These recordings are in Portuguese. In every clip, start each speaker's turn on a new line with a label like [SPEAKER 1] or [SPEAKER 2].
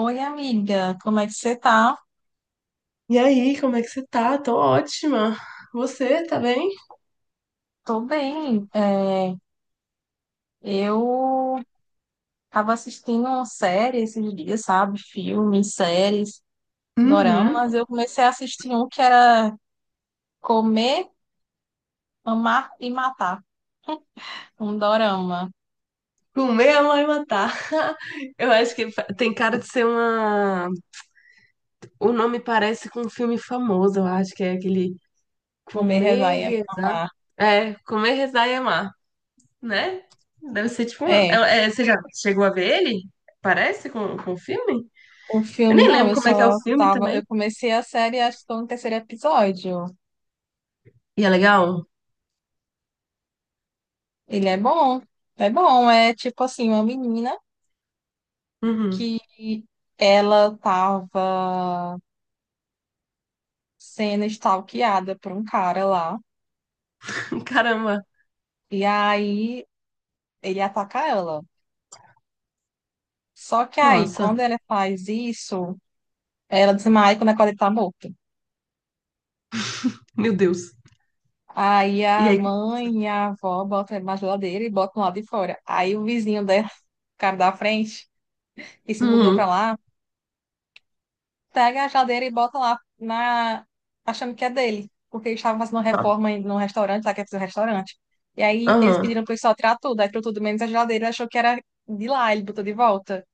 [SPEAKER 1] Oi, amiga, como é que você tá?
[SPEAKER 2] E aí, como é que você tá? Tô ótima. Você, tá bem?
[SPEAKER 1] Tô bem. Eu tava assistindo uma série esses dias, sabe? Filmes, séries,
[SPEAKER 2] Uhum.
[SPEAKER 1] doramas. Eu comecei a assistir um que era Comer, Amar e Matar. Um dorama.
[SPEAKER 2] Comer a mãe matar. Eu acho que tem cara de ser uma. O nome parece com um filme famoso, eu acho que é aquele
[SPEAKER 1] Comer, Rezar
[SPEAKER 2] Comer,
[SPEAKER 1] e
[SPEAKER 2] Rezar.
[SPEAKER 1] Amar.
[SPEAKER 2] É, Comer, Rezar e Amar, né? Deve ser tipo
[SPEAKER 1] É,
[SPEAKER 2] Você já chegou a ver ele? Parece com o filme?
[SPEAKER 1] um
[SPEAKER 2] Eu
[SPEAKER 1] filme,
[SPEAKER 2] nem
[SPEAKER 1] não,
[SPEAKER 2] lembro
[SPEAKER 1] eu
[SPEAKER 2] como é que é o
[SPEAKER 1] só
[SPEAKER 2] filme
[SPEAKER 1] tava.
[SPEAKER 2] também.
[SPEAKER 1] Eu comecei a série, acho que tô no terceiro episódio.
[SPEAKER 2] E é legal?
[SPEAKER 1] Ele é bom. É bom, é tipo assim, uma menina
[SPEAKER 2] Uhum.
[SPEAKER 1] que ela tava, sendo stalkeada por um cara lá.
[SPEAKER 2] Caramba.
[SPEAKER 1] E aí ele ataca ela. Só que aí,
[SPEAKER 2] Nossa.
[SPEAKER 1] quando ela faz isso, ela desmaia, quando acorda ele tá morto.
[SPEAKER 2] Meu Deus.
[SPEAKER 1] Aí
[SPEAKER 2] E
[SPEAKER 1] a
[SPEAKER 2] aí?
[SPEAKER 1] mãe e a avó botam ele na geladeira e botam lá de fora. Aí o vizinho dela, o cara da frente, que se mudou pra
[SPEAKER 2] Uhum.
[SPEAKER 1] lá, pega a geladeira e bota lá na... achando que é dele. Porque eles estavam fazendo uma reforma em- num restaurante, lá que é um restaurante. E aí eles
[SPEAKER 2] Aham.
[SPEAKER 1] pediram pro pessoal tirar tudo, aí tirou tudo menos a geladeira, achou que era de lá, ele botou de volta.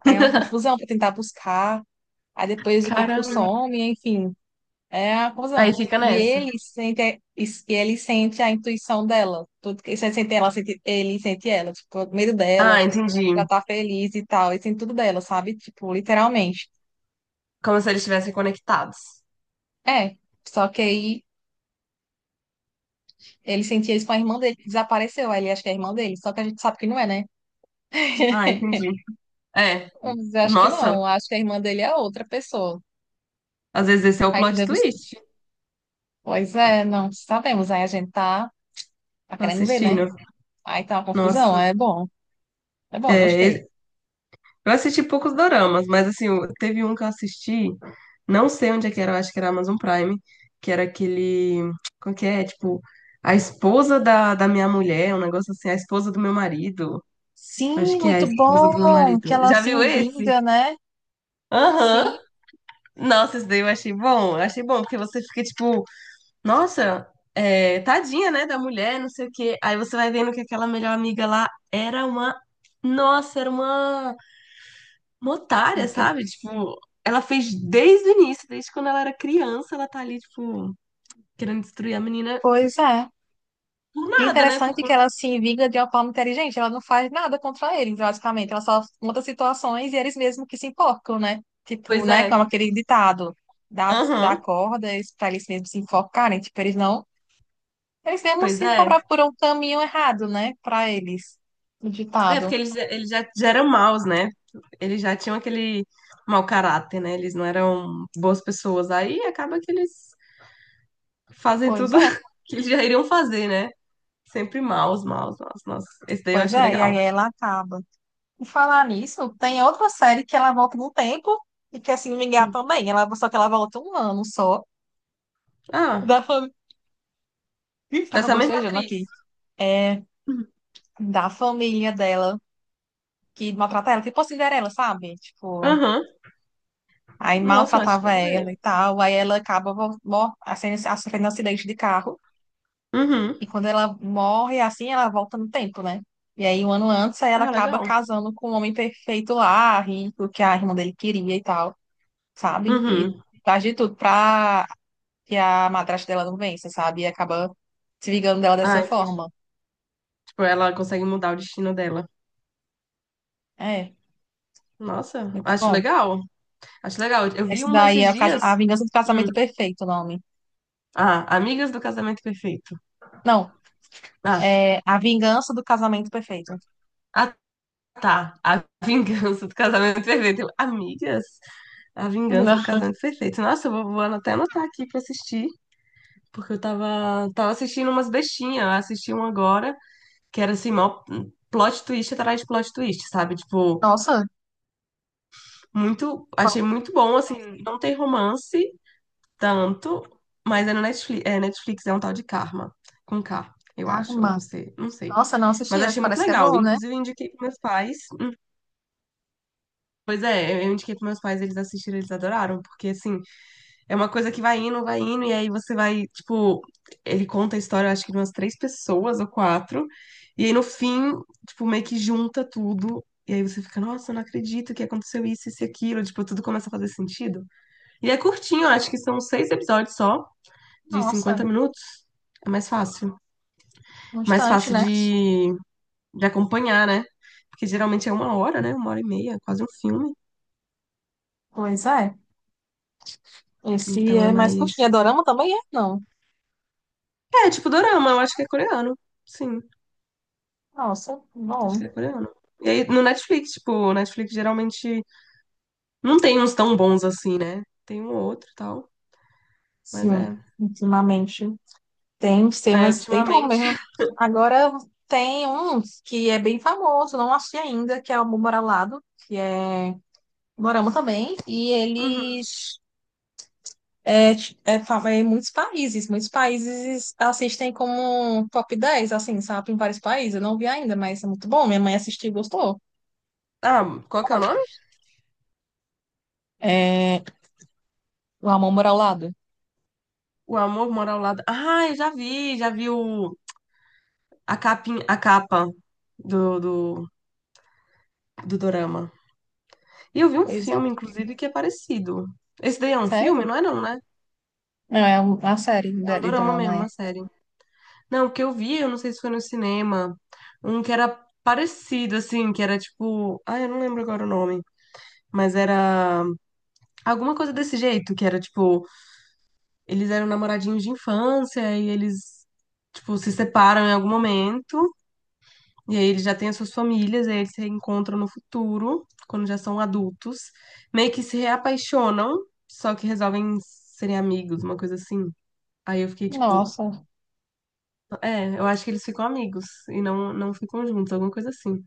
[SPEAKER 1] Aí é uma confusão para tentar buscar, aí depois o corpo
[SPEAKER 2] Caramba.
[SPEAKER 1] some, enfim, é uma confusão.
[SPEAKER 2] Aí fica
[SPEAKER 1] E
[SPEAKER 2] nessa.
[SPEAKER 1] ele sente, e ele sente a intuição dela, tudo que ele sente ela, sente, ele sente ela, tipo, o medo
[SPEAKER 2] Ah,
[SPEAKER 1] dela,
[SPEAKER 2] entendi.
[SPEAKER 1] ela tá feliz e tal, ele sente tudo dela, sabe? Tipo, literalmente.
[SPEAKER 2] Como se eles estivessem conectados.
[SPEAKER 1] É, só que aí ele sentia isso com a irmã dele, que desapareceu, aí ele acha que é a irmã dele, só que a gente sabe que não é, né?
[SPEAKER 2] Ah, entendi. É.
[SPEAKER 1] Mas eu acho que não,
[SPEAKER 2] Nossa,
[SPEAKER 1] acho que a irmã dele é outra pessoa.
[SPEAKER 2] às vezes esse é o
[SPEAKER 1] Aí que
[SPEAKER 2] plot
[SPEAKER 1] deve...
[SPEAKER 2] twist.
[SPEAKER 1] Pois é, não sabemos, aí a gente tá, tá
[SPEAKER 2] Tô
[SPEAKER 1] querendo ver, né?
[SPEAKER 2] assistindo.
[SPEAKER 1] Aí tá uma confusão,
[SPEAKER 2] Nossa.
[SPEAKER 1] é bom. É bom,
[SPEAKER 2] É,
[SPEAKER 1] gostei.
[SPEAKER 2] eu assisti poucos doramas, mas assim, teve um que eu assisti, não sei onde é que era, eu acho que era Amazon Prime, que era aquele. Como que é? Tipo, a esposa da minha mulher, um negócio assim, a esposa do meu marido. Eu acho
[SPEAKER 1] Sim,
[SPEAKER 2] que é a
[SPEAKER 1] muito
[SPEAKER 2] esposa do meu
[SPEAKER 1] bom que
[SPEAKER 2] marido.
[SPEAKER 1] ela
[SPEAKER 2] Já
[SPEAKER 1] se
[SPEAKER 2] viu
[SPEAKER 1] vinga,
[SPEAKER 2] esse?
[SPEAKER 1] né?
[SPEAKER 2] Aham.
[SPEAKER 1] Sim,
[SPEAKER 2] Nossa, isso daí eu achei bom. Eu achei bom, porque você fica tipo, nossa, é, tadinha, né, da mulher, não sei o quê. Aí você vai vendo que aquela melhor amiga lá era uma. Nossa, era uma otária,
[SPEAKER 1] ok,
[SPEAKER 2] sabe? Tipo, ela fez desde o início, desde quando ela era criança, ela tá ali, tipo, querendo destruir a menina
[SPEAKER 1] pois é.
[SPEAKER 2] por
[SPEAKER 1] E o
[SPEAKER 2] nada, né? Por
[SPEAKER 1] interessante é que
[SPEAKER 2] conta
[SPEAKER 1] ela
[SPEAKER 2] que.
[SPEAKER 1] se vinga de uma forma inteligente, ela não faz nada contra eles, basicamente. Ela só monta situações e eles mesmos que se enforcam, né? Tipo,
[SPEAKER 2] Pois
[SPEAKER 1] né? Como
[SPEAKER 2] é.
[SPEAKER 1] aquele ditado, dá
[SPEAKER 2] Aham.
[SPEAKER 1] cordas para eles mesmos se enforcarem. Tipo, eles não. Eles mesmos
[SPEAKER 2] Pois
[SPEAKER 1] se
[SPEAKER 2] é.
[SPEAKER 1] cobrar por um caminho errado, né? Para eles. O
[SPEAKER 2] É, porque
[SPEAKER 1] ditado.
[SPEAKER 2] eles já eram maus, né? Eles já tinham aquele mau caráter, né? Eles não eram boas pessoas. Aí acaba que eles fazem
[SPEAKER 1] Pois
[SPEAKER 2] tudo
[SPEAKER 1] é,
[SPEAKER 2] que eles já iriam fazer, né? Sempre maus, maus, maus, nossa. Esse daí eu
[SPEAKER 1] pois
[SPEAKER 2] achei
[SPEAKER 1] é. E aí
[SPEAKER 2] legal.
[SPEAKER 1] ela acaba. Por falar nisso, tem outra série que ela volta no tempo e que, assim, me engano
[SPEAKER 2] Hum.
[SPEAKER 1] também. Ela, só que ela volta um ano só.
[SPEAKER 2] Ah,
[SPEAKER 1] Da família. Ih,
[SPEAKER 2] com
[SPEAKER 1] tava
[SPEAKER 2] essa mesma
[SPEAKER 1] bocejando
[SPEAKER 2] atriz.
[SPEAKER 1] aqui. É,
[SPEAKER 2] Uhum.
[SPEAKER 1] da família dela que maltrata ela, tipo a Cinderela, sabe? Tipo,
[SPEAKER 2] Aham.
[SPEAKER 1] aí
[SPEAKER 2] Nossa, eu acho que eu
[SPEAKER 1] maltratava
[SPEAKER 2] vou ver.
[SPEAKER 1] ela e tal. Aí ela acaba vol- mor- assim, sofrendo um acidente de carro.
[SPEAKER 2] Uhum.
[SPEAKER 1] E quando ela morre, assim, ela volta no tempo, né? E aí, um ano antes, aí ela
[SPEAKER 2] Ah,
[SPEAKER 1] acaba
[SPEAKER 2] legal.
[SPEAKER 1] casando com um homem perfeito lá, rico, que a irmã dele queria e tal, sabe? E
[SPEAKER 2] Uhum.
[SPEAKER 1] faz de tudo pra que a madrasta dela não vence, sabe? E acaba se vingando dela
[SPEAKER 2] Ah,
[SPEAKER 1] dessa
[SPEAKER 2] então,
[SPEAKER 1] forma.
[SPEAKER 2] tipo, ela consegue mudar o destino dela.
[SPEAKER 1] É,
[SPEAKER 2] Nossa,
[SPEAKER 1] muito
[SPEAKER 2] acho
[SPEAKER 1] bom.
[SPEAKER 2] legal. Acho legal. Eu vi
[SPEAKER 1] Esse
[SPEAKER 2] uma
[SPEAKER 1] daí
[SPEAKER 2] esses
[SPEAKER 1] é o cas-
[SPEAKER 2] dias.
[SPEAKER 1] A Vingança do
[SPEAKER 2] Hum.
[SPEAKER 1] Casamento Perfeito, o nome.
[SPEAKER 2] Ah, Amigas do Casamento Perfeito.
[SPEAKER 1] Não,
[SPEAKER 2] Ah,
[SPEAKER 1] é A Vingança do Casamento Perfeito.
[SPEAKER 2] ah, tá. A Vingança do Casamento Perfeito. Eu, Amigas? A Vingança do
[SPEAKER 1] Não.
[SPEAKER 2] Casamento Perfeito. Nossa, eu vou até anotar aqui pra assistir. Porque eu tava assistindo umas bestinhas. Eu assisti um agora, que era assim, mó plot twist atrás de plot twist, sabe? Tipo,
[SPEAKER 1] Nossa,
[SPEAKER 2] muito.
[SPEAKER 1] qual
[SPEAKER 2] Achei muito bom, assim, não tem romance tanto, mas é no Netflix é um tal de Karma, com K, eu acho, ou com
[SPEAKER 1] arma.
[SPEAKER 2] C, não sei.
[SPEAKER 1] Nossa, não
[SPEAKER 2] Mas
[SPEAKER 1] assisti, mas
[SPEAKER 2] achei muito
[SPEAKER 1] parece que é
[SPEAKER 2] legal.
[SPEAKER 1] bom, né?
[SPEAKER 2] Inclusive, eu indiquei pros meus pais. Pois é, eu indiquei pros meus pais, eles assistiram, eles adoraram, porque assim. É uma coisa que vai indo, e aí você vai, tipo, ele conta a história, eu acho que de umas três pessoas ou quatro, e aí no fim, tipo, meio que junta tudo, e aí você fica, nossa, eu não acredito que aconteceu isso, isso e aquilo, tipo, tudo começa a fazer sentido. E é curtinho, eu acho que são seis episódios só, de
[SPEAKER 1] Nossa,
[SPEAKER 2] 50 minutos, é mais fácil.
[SPEAKER 1] um
[SPEAKER 2] Mais
[SPEAKER 1] instante,
[SPEAKER 2] fácil
[SPEAKER 1] né?
[SPEAKER 2] de acompanhar, né? Porque geralmente é uma hora, né? Uma hora e meia, quase um filme,
[SPEAKER 1] Pois é. Esse
[SPEAKER 2] então é
[SPEAKER 1] é mais curtinho. É
[SPEAKER 2] mais...
[SPEAKER 1] dorama também? É, não.
[SPEAKER 2] É, tipo, dorama, eu acho que é coreano, sim.
[SPEAKER 1] Nossa,
[SPEAKER 2] Acho
[SPEAKER 1] bom.
[SPEAKER 2] que é coreano. E aí, no Netflix, tipo, o Netflix geralmente não tem uns tão bons assim, né? Tem um ou outro e tal, mas
[SPEAKER 1] Sim,
[SPEAKER 2] é.
[SPEAKER 1] ultimamente. Tem uns
[SPEAKER 2] É,
[SPEAKER 1] temas, tem bom
[SPEAKER 2] ultimamente.
[SPEAKER 1] mesmo. Agora tem um que é bem famoso, não achei ainda, que é o Amor ao Lado, que é morama também, e
[SPEAKER 2] Uhum.
[SPEAKER 1] eles é, ti- é, fa- é em muitos países assistem como top 10 assim, sabe, em vários países, eu não vi ainda, mas é muito bom, minha mãe assistiu e gostou.
[SPEAKER 2] Ah, qual que é o nome?
[SPEAKER 1] É, o Amor ao Lado.
[SPEAKER 2] O Amor Mora ao Lado. Ah, eu já vi o... a capinha, a capa do, do, do dorama. E eu vi um
[SPEAKER 1] Pois é,
[SPEAKER 2] filme, inclusive, que é parecido. Esse daí é um filme?
[SPEAKER 1] sério?
[SPEAKER 2] Não é não, né?
[SPEAKER 1] É uma série de
[SPEAKER 2] É um
[SPEAKER 1] de
[SPEAKER 2] dorama
[SPEAKER 1] drama,
[SPEAKER 2] mesmo,
[SPEAKER 1] é.
[SPEAKER 2] uma série. Não, o que eu vi, eu não sei se foi no cinema, um que era parecido, assim, que era tipo... Ah, eu não lembro agora o nome. Mas era alguma coisa desse jeito, que era tipo, eles eram namoradinhos de infância e eles, tipo, se separam em algum momento. E aí eles já têm as suas famílias, e aí eles se reencontram no futuro, quando já são adultos. Meio que se reapaixonam, só que resolvem serem amigos, uma coisa assim. Aí eu fiquei tipo,
[SPEAKER 1] Nossa,
[SPEAKER 2] é, eu acho que eles ficam amigos e não ficam juntos, alguma coisa assim.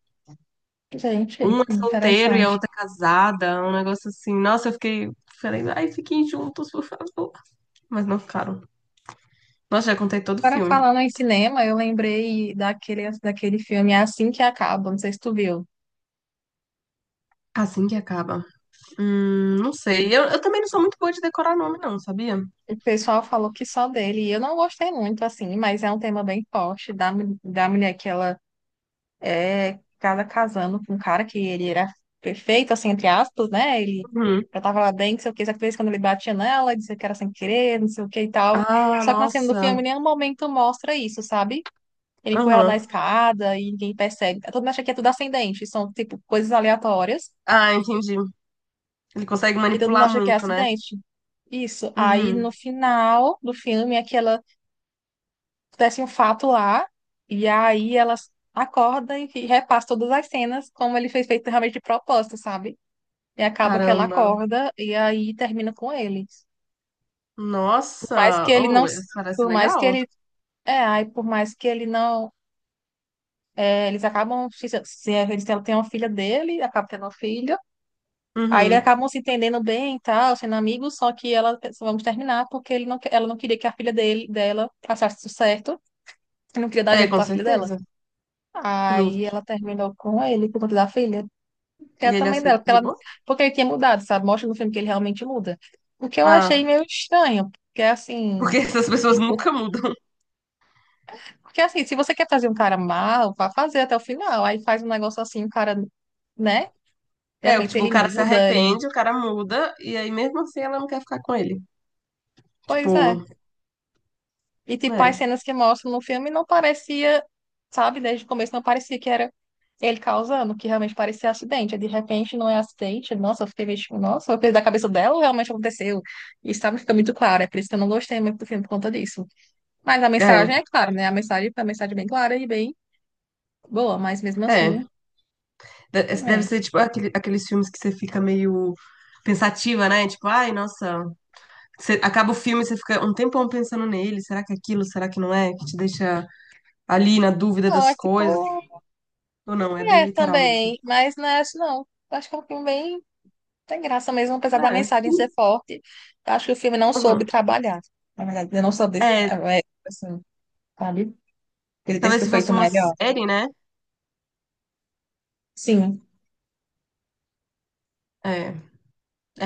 [SPEAKER 1] gente,
[SPEAKER 2] Um é solteiro e a
[SPEAKER 1] interessante.
[SPEAKER 2] outra é casada, um negócio assim. Nossa, eu fiquei, falei, ai, fiquem juntos, por favor. Mas não ficaram. Nossa, já contei todo o
[SPEAKER 1] Agora
[SPEAKER 2] filme.
[SPEAKER 1] falando em cinema, eu lembrei daquele filme Assim que Acaba, não sei se tu viu.
[SPEAKER 2] Assim que acaba. Não sei. Eu também não sou muito boa de decorar nome, não, sabia?
[SPEAKER 1] O pessoal falou que só dele, e eu não gostei muito, assim, mas é um tema bem forte da, mu- da mulher que ela é cada casando com um cara que ele era perfeito, assim, entre aspas, né? Ele
[SPEAKER 2] Uhum.
[SPEAKER 1] já tava lá bem, não sei o que, só que de vez em quando ele batia nela, dizia que era sem querer, não sei o que e tal.
[SPEAKER 2] Ah,
[SPEAKER 1] Só que na cena do
[SPEAKER 2] nossa.
[SPEAKER 1] filme, em nenhum momento mostra isso, sabe? Ele põe ela na
[SPEAKER 2] Aham.
[SPEAKER 1] escada e ninguém percebe. Todo mundo acha que é tudo ascendente, são, tipo, coisas aleatórias
[SPEAKER 2] Ah, entendi. Ele consegue
[SPEAKER 1] que todo mundo
[SPEAKER 2] manipular
[SPEAKER 1] acha que é
[SPEAKER 2] muito, né?
[SPEAKER 1] acidente. Isso. Aí no
[SPEAKER 2] Uhum.
[SPEAKER 1] final do filme é que ela acontece um fato lá, e aí ela acorda e repassa todas as cenas, como ele fez feito realmente de propósito, sabe? E acaba que ela
[SPEAKER 2] Caramba.
[SPEAKER 1] acorda e aí termina com ele. Por mais que
[SPEAKER 2] Nossa.
[SPEAKER 1] ele não.
[SPEAKER 2] Oh, isso parece
[SPEAKER 1] Por mais que
[SPEAKER 2] legal.
[SPEAKER 1] ele. É, aí por mais que ele não, é, eles acabam. Se eles têm- tem uma filha dele, acaba tendo uma filha. Aí eles
[SPEAKER 2] Uhum.
[SPEAKER 1] acabam se entendendo bem e tal, sendo amigos, só que ela pensa, vamos terminar porque ele não, que- ela não queria que a filha dele, dela passasse tudo certo, e não queria dar
[SPEAKER 2] É,
[SPEAKER 1] exemplo
[SPEAKER 2] com
[SPEAKER 1] pra filha dela.
[SPEAKER 2] certeza.
[SPEAKER 1] Aí ela
[SPEAKER 2] Justo.
[SPEAKER 1] terminou com ele por conta da filha, que é
[SPEAKER 2] E ele
[SPEAKER 1] também dela,
[SPEAKER 2] aceita
[SPEAKER 1] porque,
[SPEAKER 2] de
[SPEAKER 1] ela,
[SPEAKER 2] boa?
[SPEAKER 1] porque ele tinha mudado, sabe? Mostra no filme que ele realmente muda. O que eu achei
[SPEAKER 2] Ah,
[SPEAKER 1] meio estranho, porque é
[SPEAKER 2] porque
[SPEAKER 1] assim,
[SPEAKER 2] essas pessoas
[SPEAKER 1] tipo,
[SPEAKER 2] nunca mudam.
[SPEAKER 1] porque assim, se você quer fazer um cara mal, vá fazer até o final, aí faz um negócio assim, o cara, né? De
[SPEAKER 2] É,
[SPEAKER 1] repente
[SPEAKER 2] tipo, o
[SPEAKER 1] ele
[SPEAKER 2] cara se
[SPEAKER 1] muda e.
[SPEAKER 2] arrepende, o cara muda, e aí mesmo assim ela não quer ficar com ele.
[SPEAKER 1] Pois é.
[SPEAKER 2] Tipo,
[SPEAKER 1] E, tipo, as
[SPEAKER 2] é.
[SPEAKER 1] cenas que mostram no filme não parecia, sabe, desde o começo não parecia que era ele causando, que realmente parecia acidente. Aí, de repente não é acidente. Nossa, eu fiquei meio tipo, nossa, foi coisa da cabeça dela ou realmente aconteceu? Isso, sabe, fica muito claro. É por isso que eu não gostei muito do filme por conta disso. Mas a
[SPEAKER 2] É,
[SPEAKER 1] mensagem é clara, né? A mensagem é uma mensagem é bem clara e bem boa, mas mesmo assim,
[SPEAKER 2] é.
[SPEAKER 1] não
[SPEAKER 2] Deve
[SPEAKER 1] é.
[SPEAKER 2] ser tipo aqueles filmes que você fica meio pensativa, né? Tipo, ai, nossa, você acaba o filme e você fica um tempão pensando nele, será que é aquilo, será que não é? Que te deixa ali na dúvida
[SPEAKER 1] Não,
[SPEAKER 2] das
[SPEAKER 1] é tipo,
[SPEAKER 2] coisas. Ou não, é bem
[SPEAKER 1] é
[SPEAKER 2] literal mesmo.
[SPEAKER 1] também, mas não é isso não. Eu acho que é um filme bem. Tem graça mesmo, apesar da
[SPEAKER 2] É,
[SPEAKER 1] mensagem ser forte. Eu acho que o filme não soube
[SPEAKER 2] uhum.
[SPEAKER 1] trabalhar. Na verdade, ele não soube,
[SPEAKER 2] É,
[SPEAKER 1] assim, sabe? Ele ter
[SPEAKER 2] talvez
[SPEAKER 1] sido
[SPEAKER 2] se
[SPEAKER 1] feito
[SPEAKER 2] fosse uma
[SPEAKER 1] melhor.
[SPEAKER 2] série, né?
[SPEAKER 1] Sim.
[SPEAKER 2] É,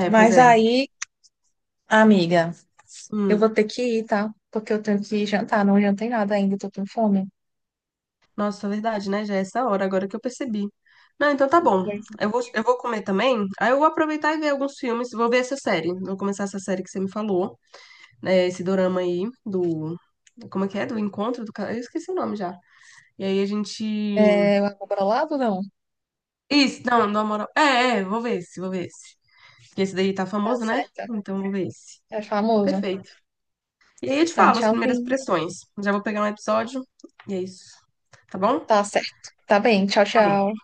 [SPEAKER 2] pois
[SPEAKER 1] Mas
[SPEAKER 2] é.
[SPEAKER 1] aí, amiga, eu
[SPEAKER 2] Hum,
[SPEAKER 1] vou ter que ir, tá? Porque eu tenho que jantar. Não jantei nada ainda, tô com fome.
[SPEAKER 2] nossa, é verdade, né? Já é essa hora, agora que eu percebi. Não, então tá bom.
[SPEAKER 1] Pois
[SPEAKER 2] Eu vou comer também. Aí eu vou aproveitar e ver alguns filmes. Vou ver essa série. Vou começar essa série que você me falou. É, esse dorama aí do. Como é que é? Do encontro do cara. Eu esqueci o nome já. E aí a gente.
[SPEAKER 1] é. É, eu vou pra lá ou não?
[SPEAKER 2] Isso, não, do amor. Vou ver esse, vou ver esse. Porque esse daí tá
[SPEAKER 1] Tá
[SPEAKER 2] famoso, né?
[SPEAKER 1] certo.
[SPEAKER 2] Então vou ver esse.
[SPEAKER 1] É famoso.
[SPEAKER 2] Perfeito. E aí eu te
[SPEAKER 1] Então,
[SPEAKER 2] falo as primeiras
[SPEAKER 1] tchauzinho.
[SPEAKER 2] impressões. Já vou pegar um episódio e é isso. Tá bom?
[SPEAKER 1] Tá certo. Tá bem. Tchau,
[SPEAKER 2] Tá bom.
[SPEAKER 1] tchau.